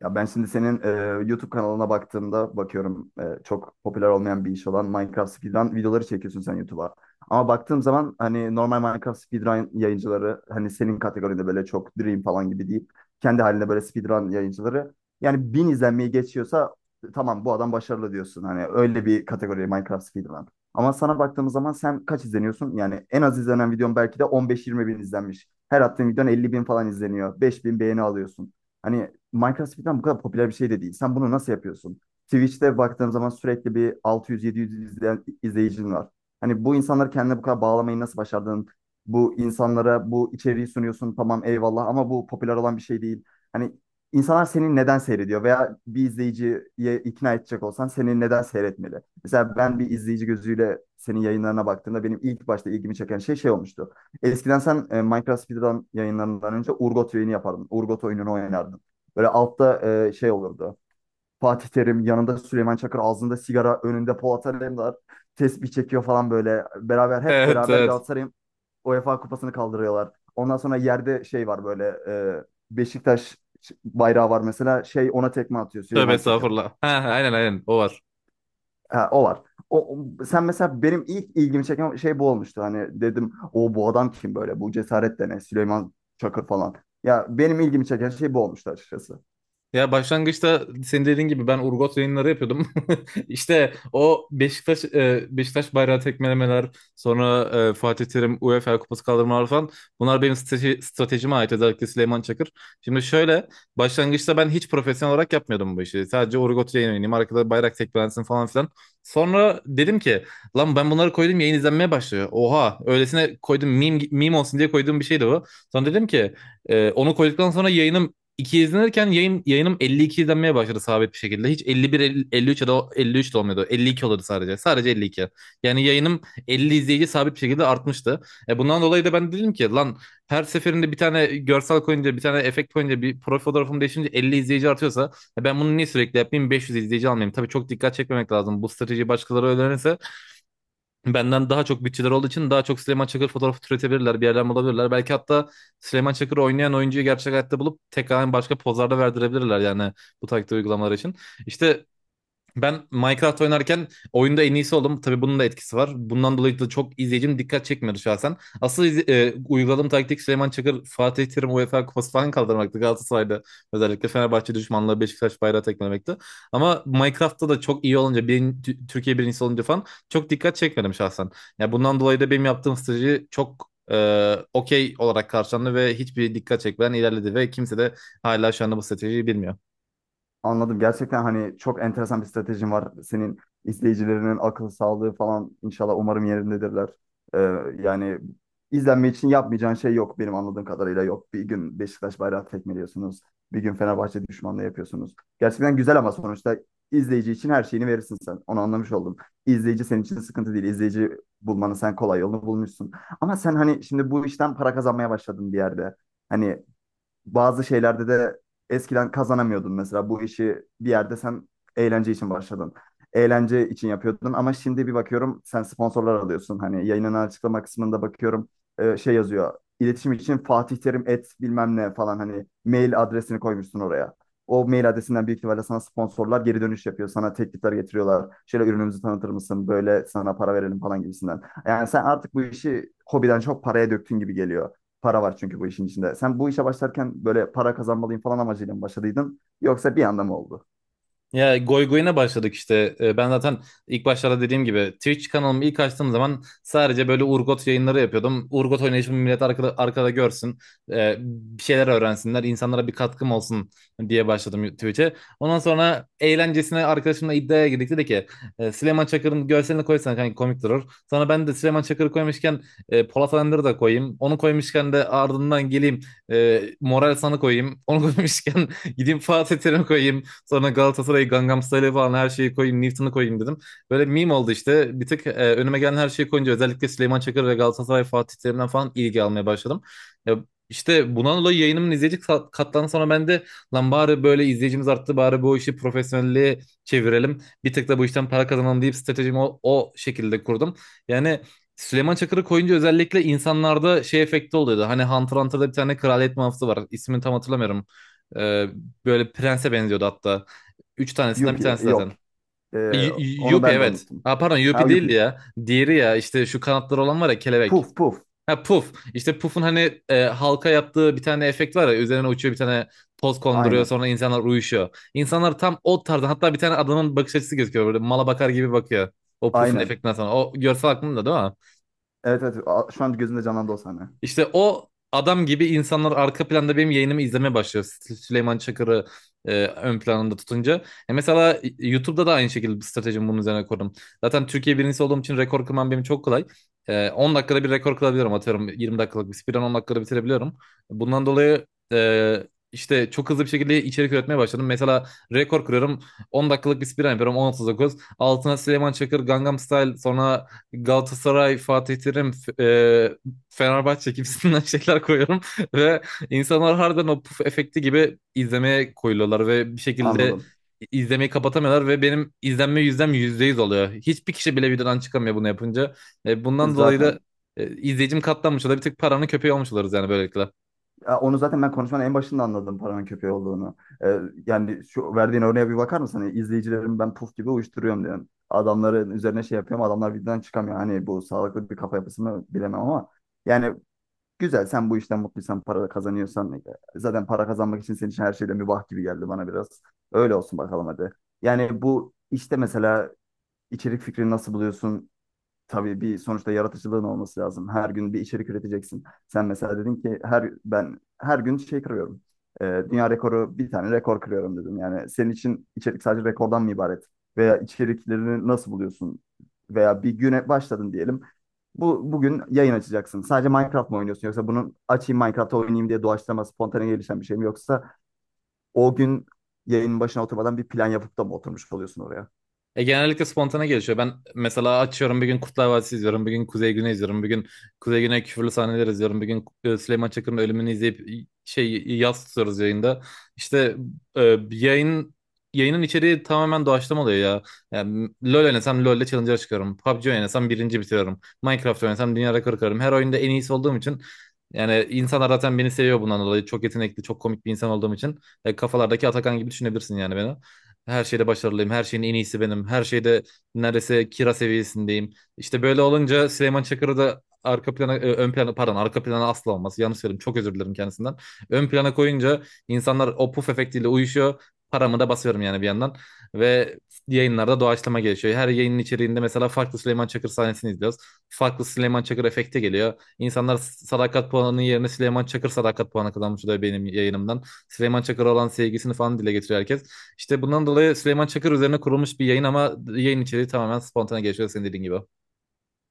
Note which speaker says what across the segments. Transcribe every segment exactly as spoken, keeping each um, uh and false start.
Speaker 1: Ya ben şimdi senin e, YouTube kanalına baktığımda bakıyorum e, çok popüler olmayan bir iş olan Minecraft Speedrun videoları çekiyorsun sen YouTube'a. Ama baktığım zaman hani normal Minecraft Speedrun yayıncıları, hani senin kategoride böyle çok Dream falan gibi deyip kendi halinde böyle Speedrun yayıncıları, yani bin izlenmeyi geçiyorsa tamam bu adam başarılı diyorsun. Hani öyle bir kategori Minecraft Speedrun. Ama sana baktığımız zaman sen kaç izleniyorsun? Yani en az izlenen videon belki de on beş yirmi bin izlenmiş. Her attığın videon elli bin falan izleniyor. beş bin beğeni alıyorsun. Hani Minecraft falan bu kadar popüler bir şey de değil. Sen bunu nasıl yapıyorsun? Twitch'te baktığım zaman sürekli bir altı yüz yedi yüz izleyen, izleyicin var. Hani bu insanları kendine bu kadar bağlamayı nasıl başardın? Bu insanlara bu içeriği sunuyorsun, tamam, eyvallah, ama bu popüler olan bir şey değil. Hani insanlar seni neden seyrediyor veya bir izleyiciye ikna edecek olsan seni neden seyretmeli? Mesela ben bir izleyici gözüyle senin yayınlarına baktığımda benim ilk başta ilgimi çeken şey şey olmuştu. Eskiden sen e, Minecraft Speedrun yayınlarından önce Urgot yayını yapardın. Urgot oyununu oynardın. Böyle altta e, şey olurdu. Fatih Terim yanında, Süleyman Çakır ağzında sigara, önünde Polat Alemdar tesbih çekiyor falan böyle. Beraber, hep
Speaker 2: Evet
Speaker 1: beraber
Speaker 2: evet.
Speaker 1: Galatasaray'ın UEFA kupasını kaldırıyorlar. Ondan sonra yerde şey var böyle, e, Beşiktaş bayrağı var mesela, şey, ona tekme atıyor
Speaker 2: Tövbe
Speaker 1: Süleyman Çakır.
Speaker 2: estağfurullah. Ha, aynen aynen o var.
Speaker 1: Ha, o var. O, o- sen mesela benim ilk ilgimi çeken şey bu olmuştu. Hani dedim, o bu adam kim böyle? Bu cesaret de ne? Süleyman Çakır falan. Ya benim ilgimi çeken şey bu olmuştu açıkçası.
Speaker 2: Ya başlangıçta senin dediğin gibi ben Urgot yayınları yapıyordum. İşte o Beşiktaş e, Beşiktaş bayrağı tekmelemeler, sonra e, Fatih Terim UEFA kupası kaldırmalar falan. Bunlar benim strateji, stratejime ait özellikle Süleyman Çakır. Şimdi şöyle başlangıçta ben hiç profesyonel olarak yapmıyordum bu işi. Sadece Urgot yayın oynayayım, arkada bayrak tekmelensin falan filan. Sonra dedim ki lan ben bunları koydum yayın izlenmeye başlıyor. Oha öylesine koydum meme, meme olsun diye koyduğum bir şeydi bu. Sonra dedim ki e, onu koyduktan sonra yayınım iki izlenirken yayın, yayınım elli iki izlenmeye başladı sabit bir şekilde. Hiç elli bir, elli, elli üç ya da elli üç de olmuyordu. elli iki olurdu sadece. Sadece elli iki. Yani yayınım elli izleyici sabit bir şekilde artmıştı. E bundan dolayı da ben dedim ki lan her seferinde bir tane görsel koyunca, bir tane efekt koyunca, bir profil fotoğrafım değişince elli izleyici artıyorsa e ben bunu niye sürekli yapayım? beş yüz izleyici almayayım. Tabii çok dikkat çekmemek lazım. Bu strateji başkaları öğrenirse benden daha çok bütçeler olduğu için daha çok Süleyman Çakır fotoğrafı türetebilirler. Bir yerden bulabilirler. Belki hatta Süleyman Çakır oynayan oyuncuyu gerçek hayatta bulup tekrar başka pozlarda verdirebilirler yani bu taktik uygulamalar için. İşte ben Minecraft oynarken oyunda en iyisi oldum. Tabii bunun da etkisi var. Bundan dolayı da çok izleyicim dikkat çekmiyordu şahsen. Asıl izle- e, uyguladığım taktik Süleyman Çakır, Fatih Terim UEFA Kupası falan kaldırmaktı. Galatasaray'da özellikle Fenerbahçe düşmanlığı Beşiktaş bayrağı tekmelemekti. Ama Minecraft'ta da çok iyi olunca, birin- Tü- Türkiye birincisi olunca falan çok dikkat çekmedim şahsen. Ya bundan dolayı da benim yaptığım strateji çok e, okey olarak karşılandı ve hiçbir dikkat çekmeden ilerledi ve kimse de hala şu anda bu stratejiyi bilmiyor.
Speaker 1: Anladım. Gerçekten hani çok enteresan bir stratejin var. Senin izleyicilerinin akıl sağlığı falan inşallah umarım yerindedirler. Ee, yani izlenme için yapmayacağın şey yok benim anladığım kadarıyla, yok. Bir gün Beşiktaş bayrağı tekmeliyorsunuz. Bir gün Fenerbahçe düşmanlığı yapıyorsunuz. Gerçekten güzel ama sonuçta izleyici için her şeyini verirsin sen. Onu anlamış oldum. İzleyici senin için sıkıntı değil. İzleyici bulmanı, sen kolay yolunu bulmuşsun. Ama sen hani şimdi bu işten para kazanmaya başladın bir yerde. Hani bazı şeylerde de eskiden kazanamıyordun mesela. Bu işi bir yerde sen eğlence için başladın. Eğlence için yapıyordun, ama şimdi bir bakıyorum sen sponsorlar alıyorsun. Hani yayının açıklama kısmında bakıyorum e, şey yazıyor. İletişim için Fatih Terim et bilmem ne falan, hani mail adresini koymuşsun oraya. O mail adresinden büyük ihtimalle sana sponsorlar geri dönüş yapıyor. Sana teklifler getiriyorlar. Şöyle, ürünümüzü tanıtır mısın? Böyle sana para verelim falan gibisinden. Yani sen artık bu işi hobiden çok paraya döktün gibi geliyor. Para var çünkü bu işin içinde. Sen bu işe başlarken böyle para kazanmalıyım falan amacıyla mı başladıydın? Yoksa bir anda mı oldu?
Speaker 2: Ya goy goyuna başladık işte. Ee, Ben zaten ilk başlarda dediğim gibi Twitch kanalımı ilk açtığım zaman sadece böyle Urgot yayınları yapıyordum. Urgot oynayışımı millet arkada, arkada görsün. Ee, bir şeyler öğrensinler. İnsanlara bir katkım olsun diye başladım Twitch'e. Ondan sonra eğlencesine arkadaşımla iddiaya girdik. Dedi ki: "E, Süleyman Çakır'ın görselini koysan kanka komik durur." Sonra ben de Süleyman Çakır'ı koymuşken e, Polat Alemdar'ı da koyayım. Onu koymuşken de ardından geleyim e, Moral San'ı koyayım. Onu koymuşken gideyim Fatih Terim'i koyayım. Sonra Galatasaray'ı, Gangnam Style'ı falan her şeyi koyayım. Newton'u koyayım dedim. Böyle meme oldu işte. Bir tık e, önüme gelen her şeyi koyunca özellikle Süleyman Çakır ve Galatasaray Fatih Terim'den falan ilgi almaya başladım. Ya işte bundan dolayı yayınımın izleyici kat- katlarına sonra ben de lan bari böyle izleyicimiz arttı bari bu işi profesyonelliğe çevirelim. Bir tık da bu işten para kazanalım deyip stratejimi o, o şekilde kurdum. Yani Süleyman Çakır'ı koyunca özellikle insanlarda şey efekti oluyordu. Hani Hunter Hunter'da bir tane kraliyet muhafızı var. İsmini tam hatırlamıyorum. Ee, Böyle prense benziyordu hatta. Üç tanesinden bir
Speaker 1: Yupi,
Speaker 2: tanesi
Speaker 1: yok.
Speaker 2: zaten.
Speaker 1: Ee,
Speaker 2: Y- Y-
Speaker 1: onu
Speaker 2: Yuppie
Speaker 1: ben de
Speaker 2: evet.
Speaker 1: unuttum.
Speaker 2: Ha, pardon
Speaker 1: Ha,
Speaker 2: Yuppie değildi
Speaker 1: Yupi.
Speaker 2: ya. Diğeri ya işte şu kanatları olan var ya kelebek.
Speaker 1: Puf puf.
Speaker 2: Ha Puff. İşte Puff'un hani e, halka yaptığı bir tane efekt var ya. Üzerine uçuyor bir tane toz konduruyor
Speaker 1: Aynen.
Speaker 2: sonra insanlar uyuşuyor. İnsanlar tam o tarzda hatta bir tane adamın bakış açısı gözüküyor. Böyle mala bakar gibi bakıyor. O Puff'un
Speaker 1: Aynen.
Speaker 2: efektinden sonra. O görsel aklımda değil mi?
Speaker 1: Evet, evet. A- Şu an gözümde canlandı o sahne.
Speaker 2: İşte o adam gibi insanlar arka planda benim yayınımı izlemeye başlıyor. Sü- Süleyman Çakır'ı e, ön planında tutunca. E mesela YouTube'da da aynı şekilde bir stratejimi bunun üzerine kurdum. Zaten Türkiye birincisi olduğum için rekor kırmam benim çok kolay. E, on dakikada bir rekor kırabiliyorum atıyorum. yirmi dakikalık bir speedrun on dakikada bitirebiliyorum. Bundan dolayı e, işte çok hızlı bir şekilde içerik üretmeye başladım. Mesela rekor kırıyorum. on dakikalık bir speedrun yapıyorum. on otuz dokuz. Altına Süleyman Çakır, Gangnam Style, sonra Galatasaray, Fatih Terim, f- e, Fenerbahçe gibisinden şeyler koyuyorum ve insanlar harbiden o puf efekti gibi izlemeye koyuluyorlar ve bir şekilde
Speaker 1: Anladım.
Speaker 2: izlemeyi kapatamıyorlar ve benim izlenme yüzdem yüzde yüz oluyor. Hiçbir kişi bile videodan çıkamıyor bunu yapınca. E,
Speaker 1: E,
Speaker 2: bundan dolayı da
Speaker 1: Zaten.
Speaker 2: e, izleyicim katlanmış oluyor. Bir tık paranın köpeği olmuş oluruz yani böylelikle.
Speaker 1: Ya onu zaten ben konuşmanın en başında anladım paranın köpeği olduğunu. Ee, yani şu verdiğin örneğe bir bakar mısın? Hani izleyicilerimi ben puf gibi uyuşturuyorum diyorsun. Adamların üzerine şey yapıyorum. Adamlar birden çıkamıyor. Hani bu sağlıklı bir kafa yapısı mı bilemem, ama yani güzel, sen bu işten mutluysan, para da kazanıyorsan e, zaten para kazanmak için senin için her şeyde mübah gibi geldi bana biraz. Öyle olsun bakalım, hadi. Yani bu işte mesela içerik fikrini nasıl buluyorsun? Tabii bir sonuçta yaratıcılığın olması lazım. Her gün bir içerik üreteceksin. Sen mesela dedin ki, her ben her gün şey kırıyorum. Ee, dünya rekoru, bir tane rekor kırıyorum dedim. Yani senin için içerik sadece rekordan mı ibaret? Veya içeriklerini nasıl buluyorsun? Veya bir güne başladın diyelim. Bu bugün yayın açacaksın. Sadece Minecraft mı oynuyorsun, yoksa bunu açayım Minecraft'ta oynayayım diye doğaçlama, spontane gelişen bir şey mi, yoksa o gün yayının başına oturmadan bir plan yapıp da mı oturmuş oluyorsun oraya?
Speaker 2: E, genellikle spontane gelişiyor. Ben mesela açıyorum bir gün Kurtlar Vadisi izliyorum. Bir gün Kuzey Güney izliyorum. Bir gün Kuzey Güney küfürlü sahneler izliyorum. Bir gün e, Süleyman Çakır'ın ölümünü izleyip e, şey yaz tutuyoruz yayında. İşte e, yayın yayının içeriği tamamen doğaçlama oluyor ya. Yani, LoL oynasam LoL'de challenge'a çıkıyorum. P U B G oynasam birinci bitiriyorum. Minecraft oynasam dünya rekoru kırarım. Her oyunda en iyisi olduğum için yani insanlar zaten beni seviyor bundan dolayı. Çok yetenekli, çok komik bir insan olduğum için. E, kafalardaki Atakan gibi düşünebilirsin yani beni. Her şeyde başarılıyım. Her şeyin en iyisi benim. Her şeyde neredeyse kira seviyesindeyim. İşte böyle olunca Süleyman Çakır'ı da arka plana, e, ön plana pardon arka plana asla olmaz. Yanlış söyledim. Çok özür dilerim kendisinden. Ön plana koyunca insanlar o puf efektiyle uyuşuyor. Paramı da basıyorum yani bir yandan. Ve yayınlarda doğaçlama gelişiyor. Her yayının içeriğinde mesela farklı Süleyman Çakır sahnesini izliyoruz. Farklı Süleyman Çakır efekti geliyor. İnsanlar sadakat puanının yerine Süleyman Çakır sadakat puanı kazanmış oluyor benim yayınımdan. Süleyman Çakır'a olan sevgisini falan dile getiriyor herkes. İşte bundan dolayı Süleyman Çakır üzerine kurulmuş bir yayın ama yayın içeriği tamamen spontane gelişiyor senin dediğin gibi.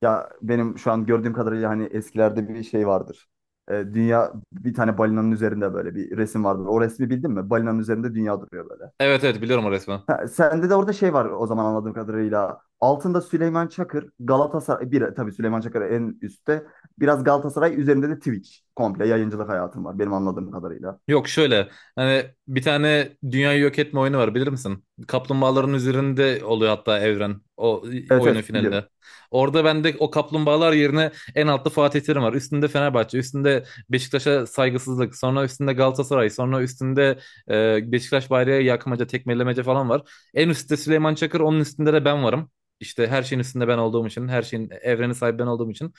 Speaker 1: Ya benim şu an gördüğüm kadarıyla hani eskilerde bir şey vardır. Ee, dünya bir tane balinanın üzerinde, böyle bir resim vardır. O resmi bildin mi? Balinanın üzerinde dünya duruyor böyle.
Speaker 2: Evet evet biliyorum o resmi.
Speaker 1: Ha, sende de orada şey var o zaman anladığım kadarıyla. Altında Süleyman Çakır, Galatasaray, bir tabii Süleyman Çakır en üstte. Biraz Galatasaray üzerinde de Twitch. Komple yayıncılık hayatım var benim anladığım kadarıyla.
Speaker 2: Yok şöyle hani bir tane dünyayı yok etme oyunu var bilir misin? Kaplumbağaların üzerinde oluyor hatta evren o e,
Speaker 1: Evet,
Speaker 2: oyunun
Speaker 1: evet, biliyorum.
Speaker 2: finalinde. Orada bende o kaplumbağalar yerine en altta Fatih Terim var. Üstünde Fenerbahçe, üstünde Beşiktaş'a saygısızlık, sonra üstünde Galatasaray, sonra üstünde e, Beşiktaş bayrağı yakmaca, tekmelemece falan var. En üstte Süleyman Çakır, onun üstünde de ben varım. İşte her şeyin üstünde ben olduğum için, her şeyin evreni sahibi ben olduğum için.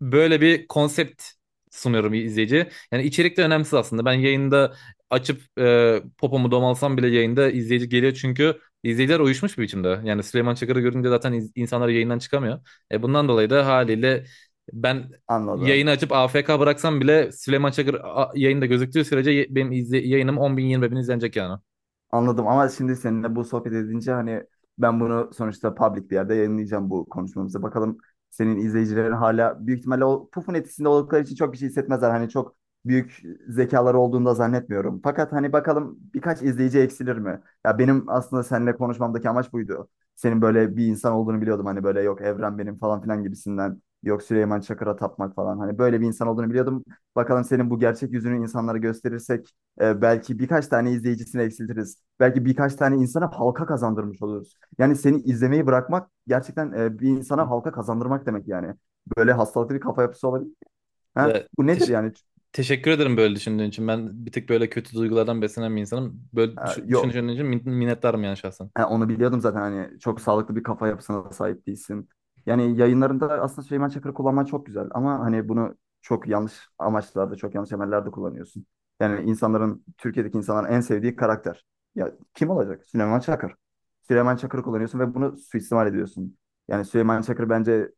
Speaker 2: Böyle bir konsept sunuyorum izleyiciye. Yani içerik de önemsiz aslında. Ben yayında açıp e, popomu domalsam bile yayında izleyici geliyor çünkü izleyiciler uyuşmuş bir biçimde. Yani Süleyman Çakır'ı görünce zaten iz- insanlar yayından çıkamıyor. E, bundan dolayı da haliyle ben
Speaker 1: Anladım.
Speaker 2: yayını açıp A F K bıraksam bile Süleyman Çakır a- yayında gözüktüğü sürece ye- benim izle yayınım on bin yirmi bin izlenecek yani.
Speaker 1: Anladım, ama şimdi seninle bu sohbet edince hani ben bunu sonuçta public bir yerde yayınlayacağım, bu konuşmamızı. Bakalım, senin izleyicilerin hala büyük ihtimalle o pufun etkisinde oldukları için çok bir şey hissetmezler. Hani çok büyük zekaları olduğunu da zannetmiyorum. Fakat hani bakalım, birkaç izleyici eksilir mi? Ya benim aslında seninle konuşmamdaki amaç buydu. Senin böyle bir insan olduğunu biliyordum. Hani böyle, yok evren benim falan filan gibisinden. Yok Süleyman Çakır'a tapmak falan. Hani böyle bir insan olduğunu biliyordum. Bakalım, senin bu gerçek yüzünü insanlara gösterirsek e, belki birkaç tane izleyicisini eksiltiriz. Belki birkaç tane insana halka kazandırmış oluruz. Yani seni izlemeyi bırakmak gerçekten e, bir insana
Speaker 2: Hı.
Speaker 1: halka kazandırmak demek yani. Böyle hastalıklı bir kafa yapısı olabilir. Ha?
Speaker 2: Ya,
Speaker 1: Bu nedir
Speaker 2: teş-
Speaker 1: yani?
Speaker 2: teşekkür ederim böyle düşündüğün için. Ben bir tık böyle kötü duygulardan beslenen bir insanım. Böyle
Speaker 1: Ha,
Speaker 2: düşün-
Speaker 1: yok.
Speaker 2: düşündüğün için min- minnettarım yani şahsen.
Speaker 1: Ha, onu biliyordum zaten, hani çok sağlıklı bir kafa yapısına da sahip değilsin. Yani yayınlarında aslında Süleyman Çakır'ı kullanman çok güzel, ama hani bunu çok yanlış amaçlarda, çok yanlış emellerde kullanıyorsun. Yani insanların, Türkiye'deki insanların en sevdiği karakter. Ya kim olacak? Süleyman Çakır. Süleyman Çakır'ı kullanıyorsun ve bunu suistimal ediyorsun. Yani Süleyman Çakır bence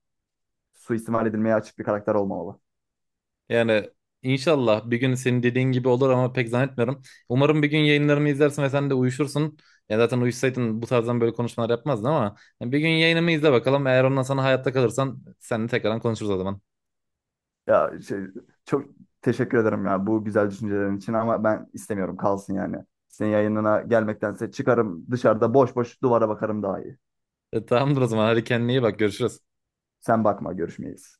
Speaker 1: suistimal edilmeye açık bir karakter olmamalı.
Speaker 2: Yani inşallah bir gün senin dediğin gibi olur ama pek zannetmiyorum. Umarım bir gün yayınlarımı izlersin ve sen de uyuşursun. Ya zaten uyuşsaydın bu tarzdan böyle konuşmalar yapmazdın ama yani bir gün yayınımı izle bakalım. Eğer ondan sonra hayatta kalırsan seninle tekrardan konuşuruz o zaman.
Speaker 1: Ya şey, çok teşekkür ederim ya bu güzel düşüncelerin için, ama ben istemiyorum, kalsın yani. Senin yayınına gelmektense çıkarım, dışarıda boş boş duvara bakarım, daha iyi.
Speaker 2: E, tamamdır o zaman. Hadi kendine iyi bak. Görüşürüz.
Speaker 1: Sen bakma, görüşmeyiz.